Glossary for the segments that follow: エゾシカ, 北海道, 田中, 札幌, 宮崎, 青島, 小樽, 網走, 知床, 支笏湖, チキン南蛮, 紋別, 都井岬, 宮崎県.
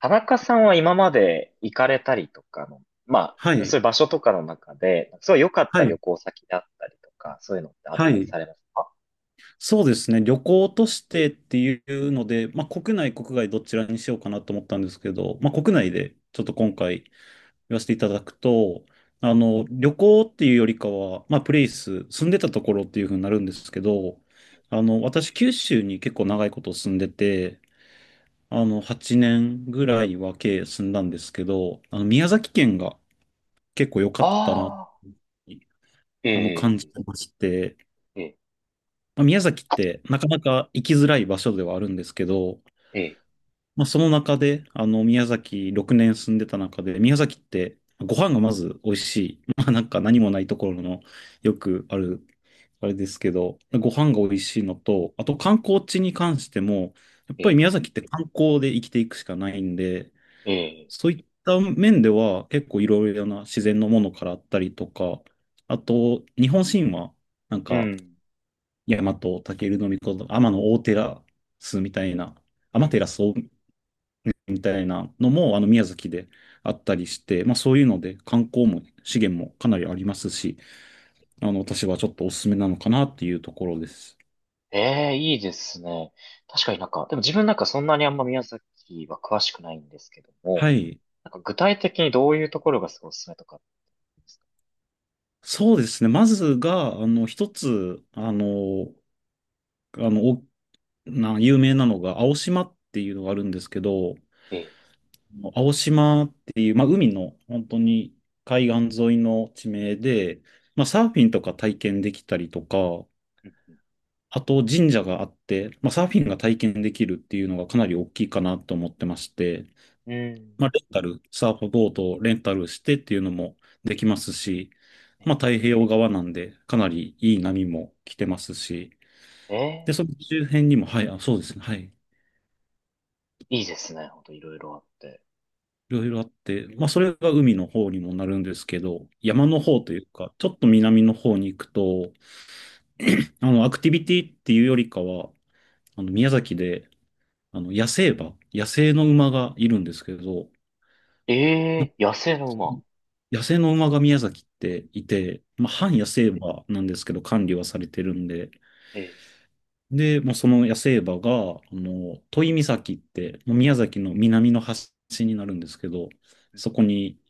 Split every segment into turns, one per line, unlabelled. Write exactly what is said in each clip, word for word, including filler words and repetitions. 田中さんは今まで行かれたりとかの、ま
は
あ、
い、
そういう場所とかの中で、すごい良かっ
は
た
い、
旅行先であったりとか、そういうのってあっ
は
たり
い。
されますか？
そうですね。旅行としてっていうので、まあ、国内、国外どちらにしようかなと思ったんですけど、まあ、国内でちょっと今回言わせていただくと、あの、旅行っていうよりかは、まあ、プレイス、住んでたところっていうふうになるんですけど、あの、私、九州に結構長いこと住んでて、あの、はちねんぐらいは計住んだんですけど、あの、宮崎県が結構良かったなっ
ああ
て、
ー、え
あの、感じ
え、
てまして、
ええ、
まあ、宮崎ってなかなか行きづらい場所ではあるんですけど、
ええ、
まあ、その中で、あの、宮崎ろくねん住んでた中で、宮崎ってご飯がまず美味しい。まあ、なんか何もないところのよくある、あれですけど、ご飯が美味しいのと、あと観光地に関しても、やっ
え
ぱり
え、
宮崎って観光で生きていくしかないんで、
ええ、
そういった面では結構いろいろな自然のものからあったりとか、あと日本神話、なん
う
か
ん。
大和武尊のこと天の大照スみたいな、
う
天
ん。
照大みたいなのも、あの、宮崎であったりして、まあ、そういうので、観光も、資源もかなりありますし、あの、私はちょっとおすすめなのかなっていうところです。
ええ、いいですね。確かになんか、でも自分なんかそんなにあんま宮崎は詳しくないんですけども、
はい。
なんか具体的にどういうところがすごいおすすめとかありますか？
そうですね。まずが、あの、一つ、あの、あの、おな、有名なのが、青島っていうのがあるんですけど、
ええ、
青島っていう、まあ、海の本当に海岸沿いの地名で、まあ、サーフィンとか体験できたりとか、
うん、
あと神社があって、まあ、サーフィンが体験できるっていうのがかなり大きいかなと思ってまして、
うん、うん。
まあ、レンタル、サーフボードをレンタルしてっていうのもできますし、ま
え
あ、太平洋側なんでかなりいい波も来てますし、
え、え
で、
え。
その周辺にも、はい、あ、そうですね、はい。
いいですね。ほんといろいろあって。
いろいろあって、まあ、それが海の方にもなるんですけど、山
うん
の
うん。
方というか、ちょっと南の方に行くと、あの、アクティビティっていうよりかは、あの、宮崎で、あの、野生馬、野生の馬がいるんですけど、
ええ、野生の馬。
野生の馬が宮崎っていて、まあ、
え
半
え、
野生馬なんですけど、管理はされてるんで、
ええ。
で、もうその野生馬が、あの、都井岬って、もう宮崎の南の端になるんですけど、そこに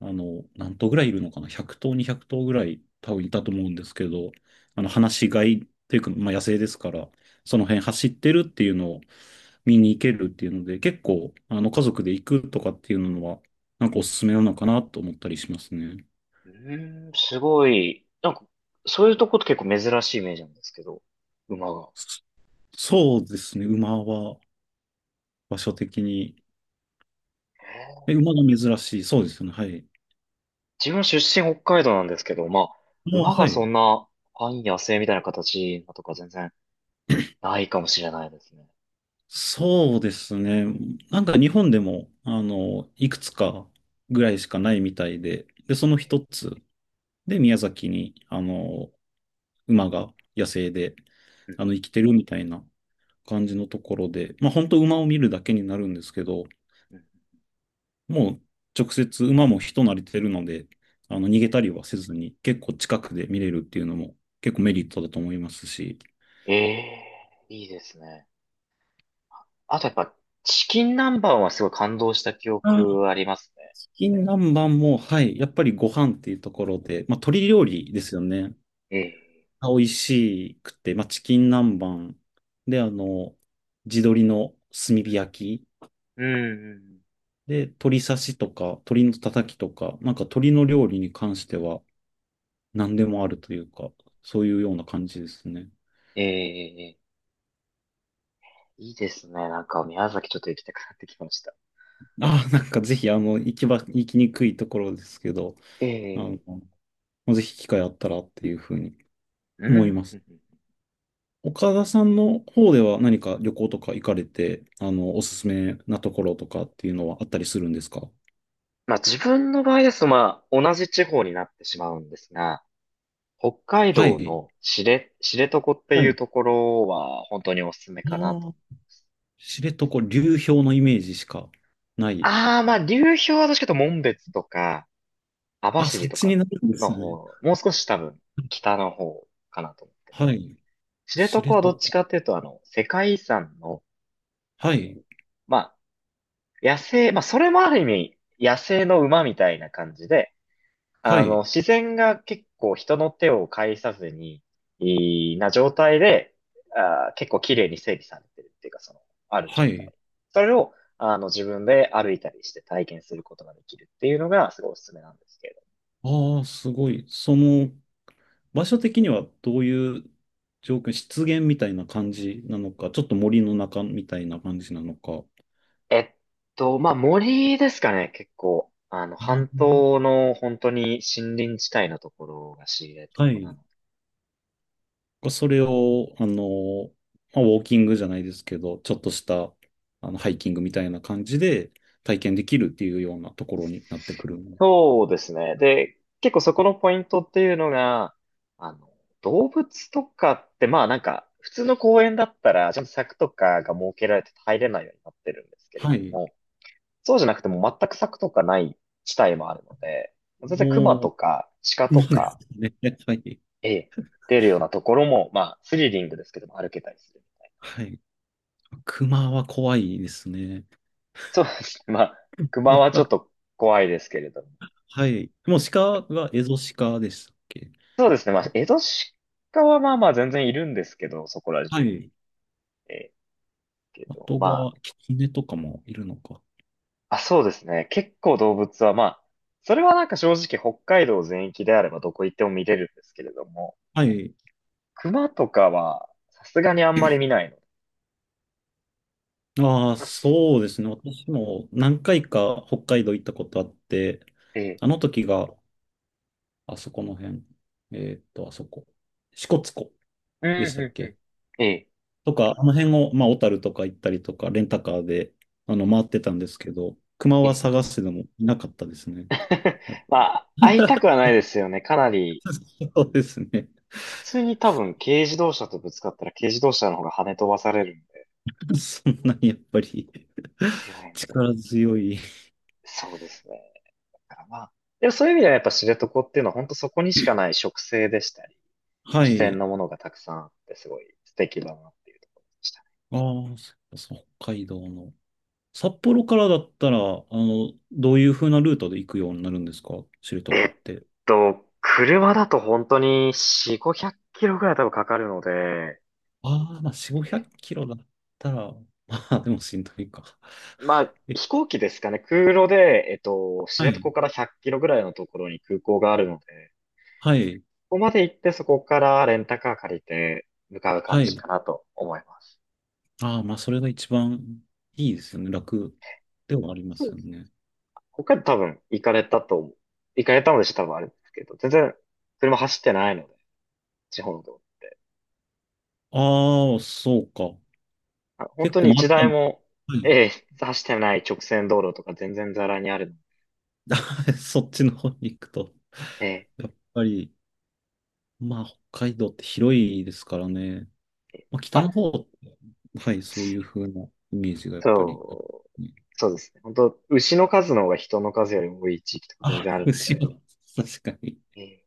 あの、何頭ぐらいいるのかな？ ひゃくとう 頭、にひゃくとう頭ぐらい多分いたと思うんですけど、あの、放し飼いっていうか、まあ、野生ですから、その辺走ってるっていうのを見に行けるっていうので、結構、あの、家族で行くとかっていうのは、なんかおすすめなのかなと思ったりしますね。
うーん、すごい。なんか、そういうとこって結構珍しいイメージなんですけど、馬が。
そそうですね、馬は場所的に。え、馬が珍しい。そうですよね、はい。
自分出身北海道なんですけど、まあ、
まあ、
馬が
は
そ
い。
んな半野生みたいな形とか全然ないかもしれないですね。
そうですね。なんか日本でも、あの、いくつかぐらいしかないみたいで、で、その一つで宮崎に、あの、馬が野生で、
う
あの、
ん
生きてるみたいな感じのところで、まあ本当馬を見るだけになるんですけど、
うん。
もう直接馬も人慣れてるので、あの、逃げたりはせずに結構近くで見れるっていうのも結構メリットだと思いますし、
ええ。いいですね。あとやっぱ、チキン南蛮はすごい感動した記
あ
憶ありますね。
金南蛮も、はい、やっぱりご飯っていうところで、まあ、鶏料
え
理ですよね。
え、ええ、
が美味しくて、まあ、チキン南蛮で、あの、地鶏の炭火焼き
うん、うんうん。
で、鶏刺しとか、鶏のたたきとか、なんか鶏の料理に関しては何でもあるというか、そういうような感じですね。
ええ、ええ。いいですね。なんか宮崎ちょっと行きたくなってきました。
ああ、なんかぜひ、あの、行きば行きにくいところですけど、あ
ええ。
の、ぜひ機会あったらっていうふうに
うん。う
思い
ん
ま
う
す。
ん。
岡田さんの方では何か旅行とか行かれて、あの、おすすめなところとかっていうのはあったりするんですか？
まあ自分の場合ですと、まあ同じ地方になってしまうんですが、北海
は
道
い。
の知れ、知床って
は
い
い。
う
あ
ところは本当におすすめかなと。
あ、知床、流氷のイメージしかない。
ああ、まあ流氷は確かというと紋別とか、網
あ、そ
走
っ
と
ち
か
になるんで
の
すね。
方、もう少し多分北の方かなと思って
は
て。
い。
知床
知
はどっち
床。
かっていうと、あの、世界遺産の、あ
は
の、
い。
ま野生、まあ、それもある意味、野生の馬みたいな感じで、
は
あの、
い。
自然が結構人の手を介さずに、いいな状態で、あー、結構綺麗に整備されてるっていうか、その、ある状
はい。
態。それを、あの、自分で歩いたりして体験することができるっていうのが、すごいおすすめなんですけれど。
ああ、すごい。その、場所的にはどういう状況、湿原みたいな感じなのか、ちょっと森の中みたいな感じなのか。
えっと、まあ、森ですかね、結構。あの、半
あ
島の本当に森林地帯のところが知
あ、は
床な
い。
の。
それを、あの、まあ、ウォーキングじゃないですけど、ちょっとした、あの、ハイキングみたいな感じで体験できるっていうようなところになってくる。
そうですね。で、結構そこのポイントっていうのが、あの、動物とかって、まあなんか、普通の公園だったら、ちゃんと柵とかが設けられて入れないようになってるんですけれ
は
ど
い。
も、そうじゃなくても全く柵とかない地帯もあるので、全然熊
も
とか鹿
う、
と
そうです
か、
ね。はい。
ええ、出るようなところも、まあスリリングですけども歩けたりするみたいな。
はい。熊は怖いですね。
そうですね。まあ、熊はちょっと 怖いですけれども。
はい。もう鹿がエゾシカでしたっけ？
そうですね。まあ、江戸鹿はまあまあ全然いるんですけど、そこら
は
中に。
い。
えーけ
あ
ど、
と
ま
が、キツネとかもいるのか。
あ、あ、そうですね。結構動物は、まあ、それはなんか正直北海道全域であればどこ行っても見れるんですけれども、
はい。
熊とかはさすがにあんまり見ないの。
ああ、
まあす
そうですね。私も何回か北海道行ったことあって、
ええ、
あの時が、あそこの辺、えーっと、あそこ、支笏湖
うん、
でしたっ
うん、う
け
ん。ええ、
とか、あの辺を、まあ、小樽とか行ったりとか、レンタカーで、あの、回ってたんですけど、熊
え
は
え。
探してでもいなかったですね。やっぱ
まあ、会いたくはないですよね。かなり、
そうですね。
普通に多分軽自動車とぶつかったら軽自動車の方が跳ね飛ばされるんで、
そんなにやっぱり
強い ので、
力強い。
そうですね。だからまあ、でもそういう意味ではやっぱ知床っていうのは本当そこにしかない植生でしたり
は
自然
い。
のものがたくさんあってすごい素敵だなっていうところでしたね。
ああ、そうそう北海道の。札幌からだったら、あの、どういう風なルートで行くようになるんですか知床
え
っ
っ
て？
と、車だと本当によん、ごひゃくキロぐらい多分かかるので、
ああ、まあ、よん、ごひゃくキロだったら、まあ、でもしんどいか。
まあ、
え、
飛行機ですかね。空路で、えっと、知
は
床
い、
からひゃっキロぐらいのところに空港があるので、
はい、
ここまで行ってそこからレンタカー借りて向かう感
は
じ
い。
かなと思います。
ああ、まあ、それが一番いいですよね。楽ではありま
そう
す
で
よ
す。
ね。
ここ多分行かれたと思う、行かれたのでしょ多分あれですけど、全然車走ってないので、地方の道路。
ああ、そうか。
あ、本
結
当
構
に
回
一
った
台
の。
も、
はい。
ええ、走ってない直線道路とか全然ザラにあるの。
そっちの方に行くと。
ええ、
やっぱり、まあ、北海道って広いですからね。
ええ。
まあ、北
ま
の
あ、
方、はい、そういう風なイメージがやっぱり。
そう、
ね
そうですね。本当牛の数の方が人の数よりも多い地域とか全
あ、
然あるので、
後ろ、確かに。
ええ、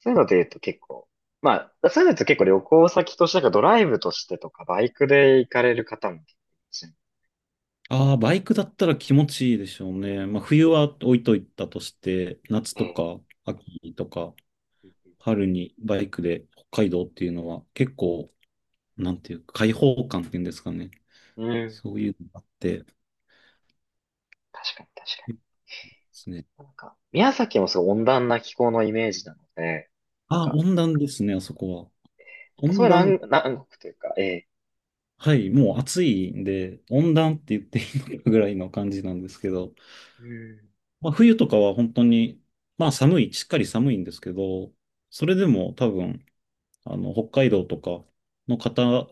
そういうので言うと結構、まあ、そういうのだと結構旅行先としてなんかドライブとしてとかバイクで行かれる方も結構いらっしゃる
ああ、バイクだったら気持ちいいでしょうね。まあ、冬は置いといたとして、夏と
ので、ええ。
か秋とか春にバイクで北海道っていうのは結構、なんていうか、開放感っていうんですかね。
うん、
そういうのがあって、
確かに確か
いいですね。
に。なんか、宮崎もすごい温暖な気候のイメージなので、なん
ああ、
か、
温暖ですね、あそこは。
なんか
温
そういう
暖、
南、南国というか、ええ、
はい、もう暑いんで、温暖って言っていいのかぐらいの感じなんですけど、
うん。
まあ、冬とかは本当に、まあ寒い、しっかり寒いんですけど、それでも多分、あの、北海道とかの方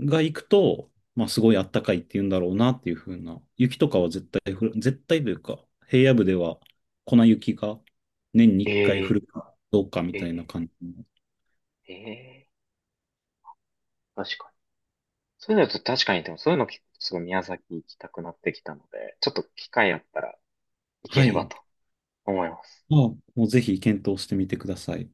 が行くと、まあすごい暖かいって言うんだろうなっていう風な、雪とかは絶対降る、絶対というか、平野部では粉雪が年にいっかい
え
降
え、
るかどうかみ
え
たいな
え、
感じの。
ええ、確かに。そういうのちょっと確かに、でもそういうの聞くとすごい宮崎行きたくなってきたので、ちょっと機会あったら行け
は
れば
い。
と思います。
まあ、もうぜひ検討してみてください。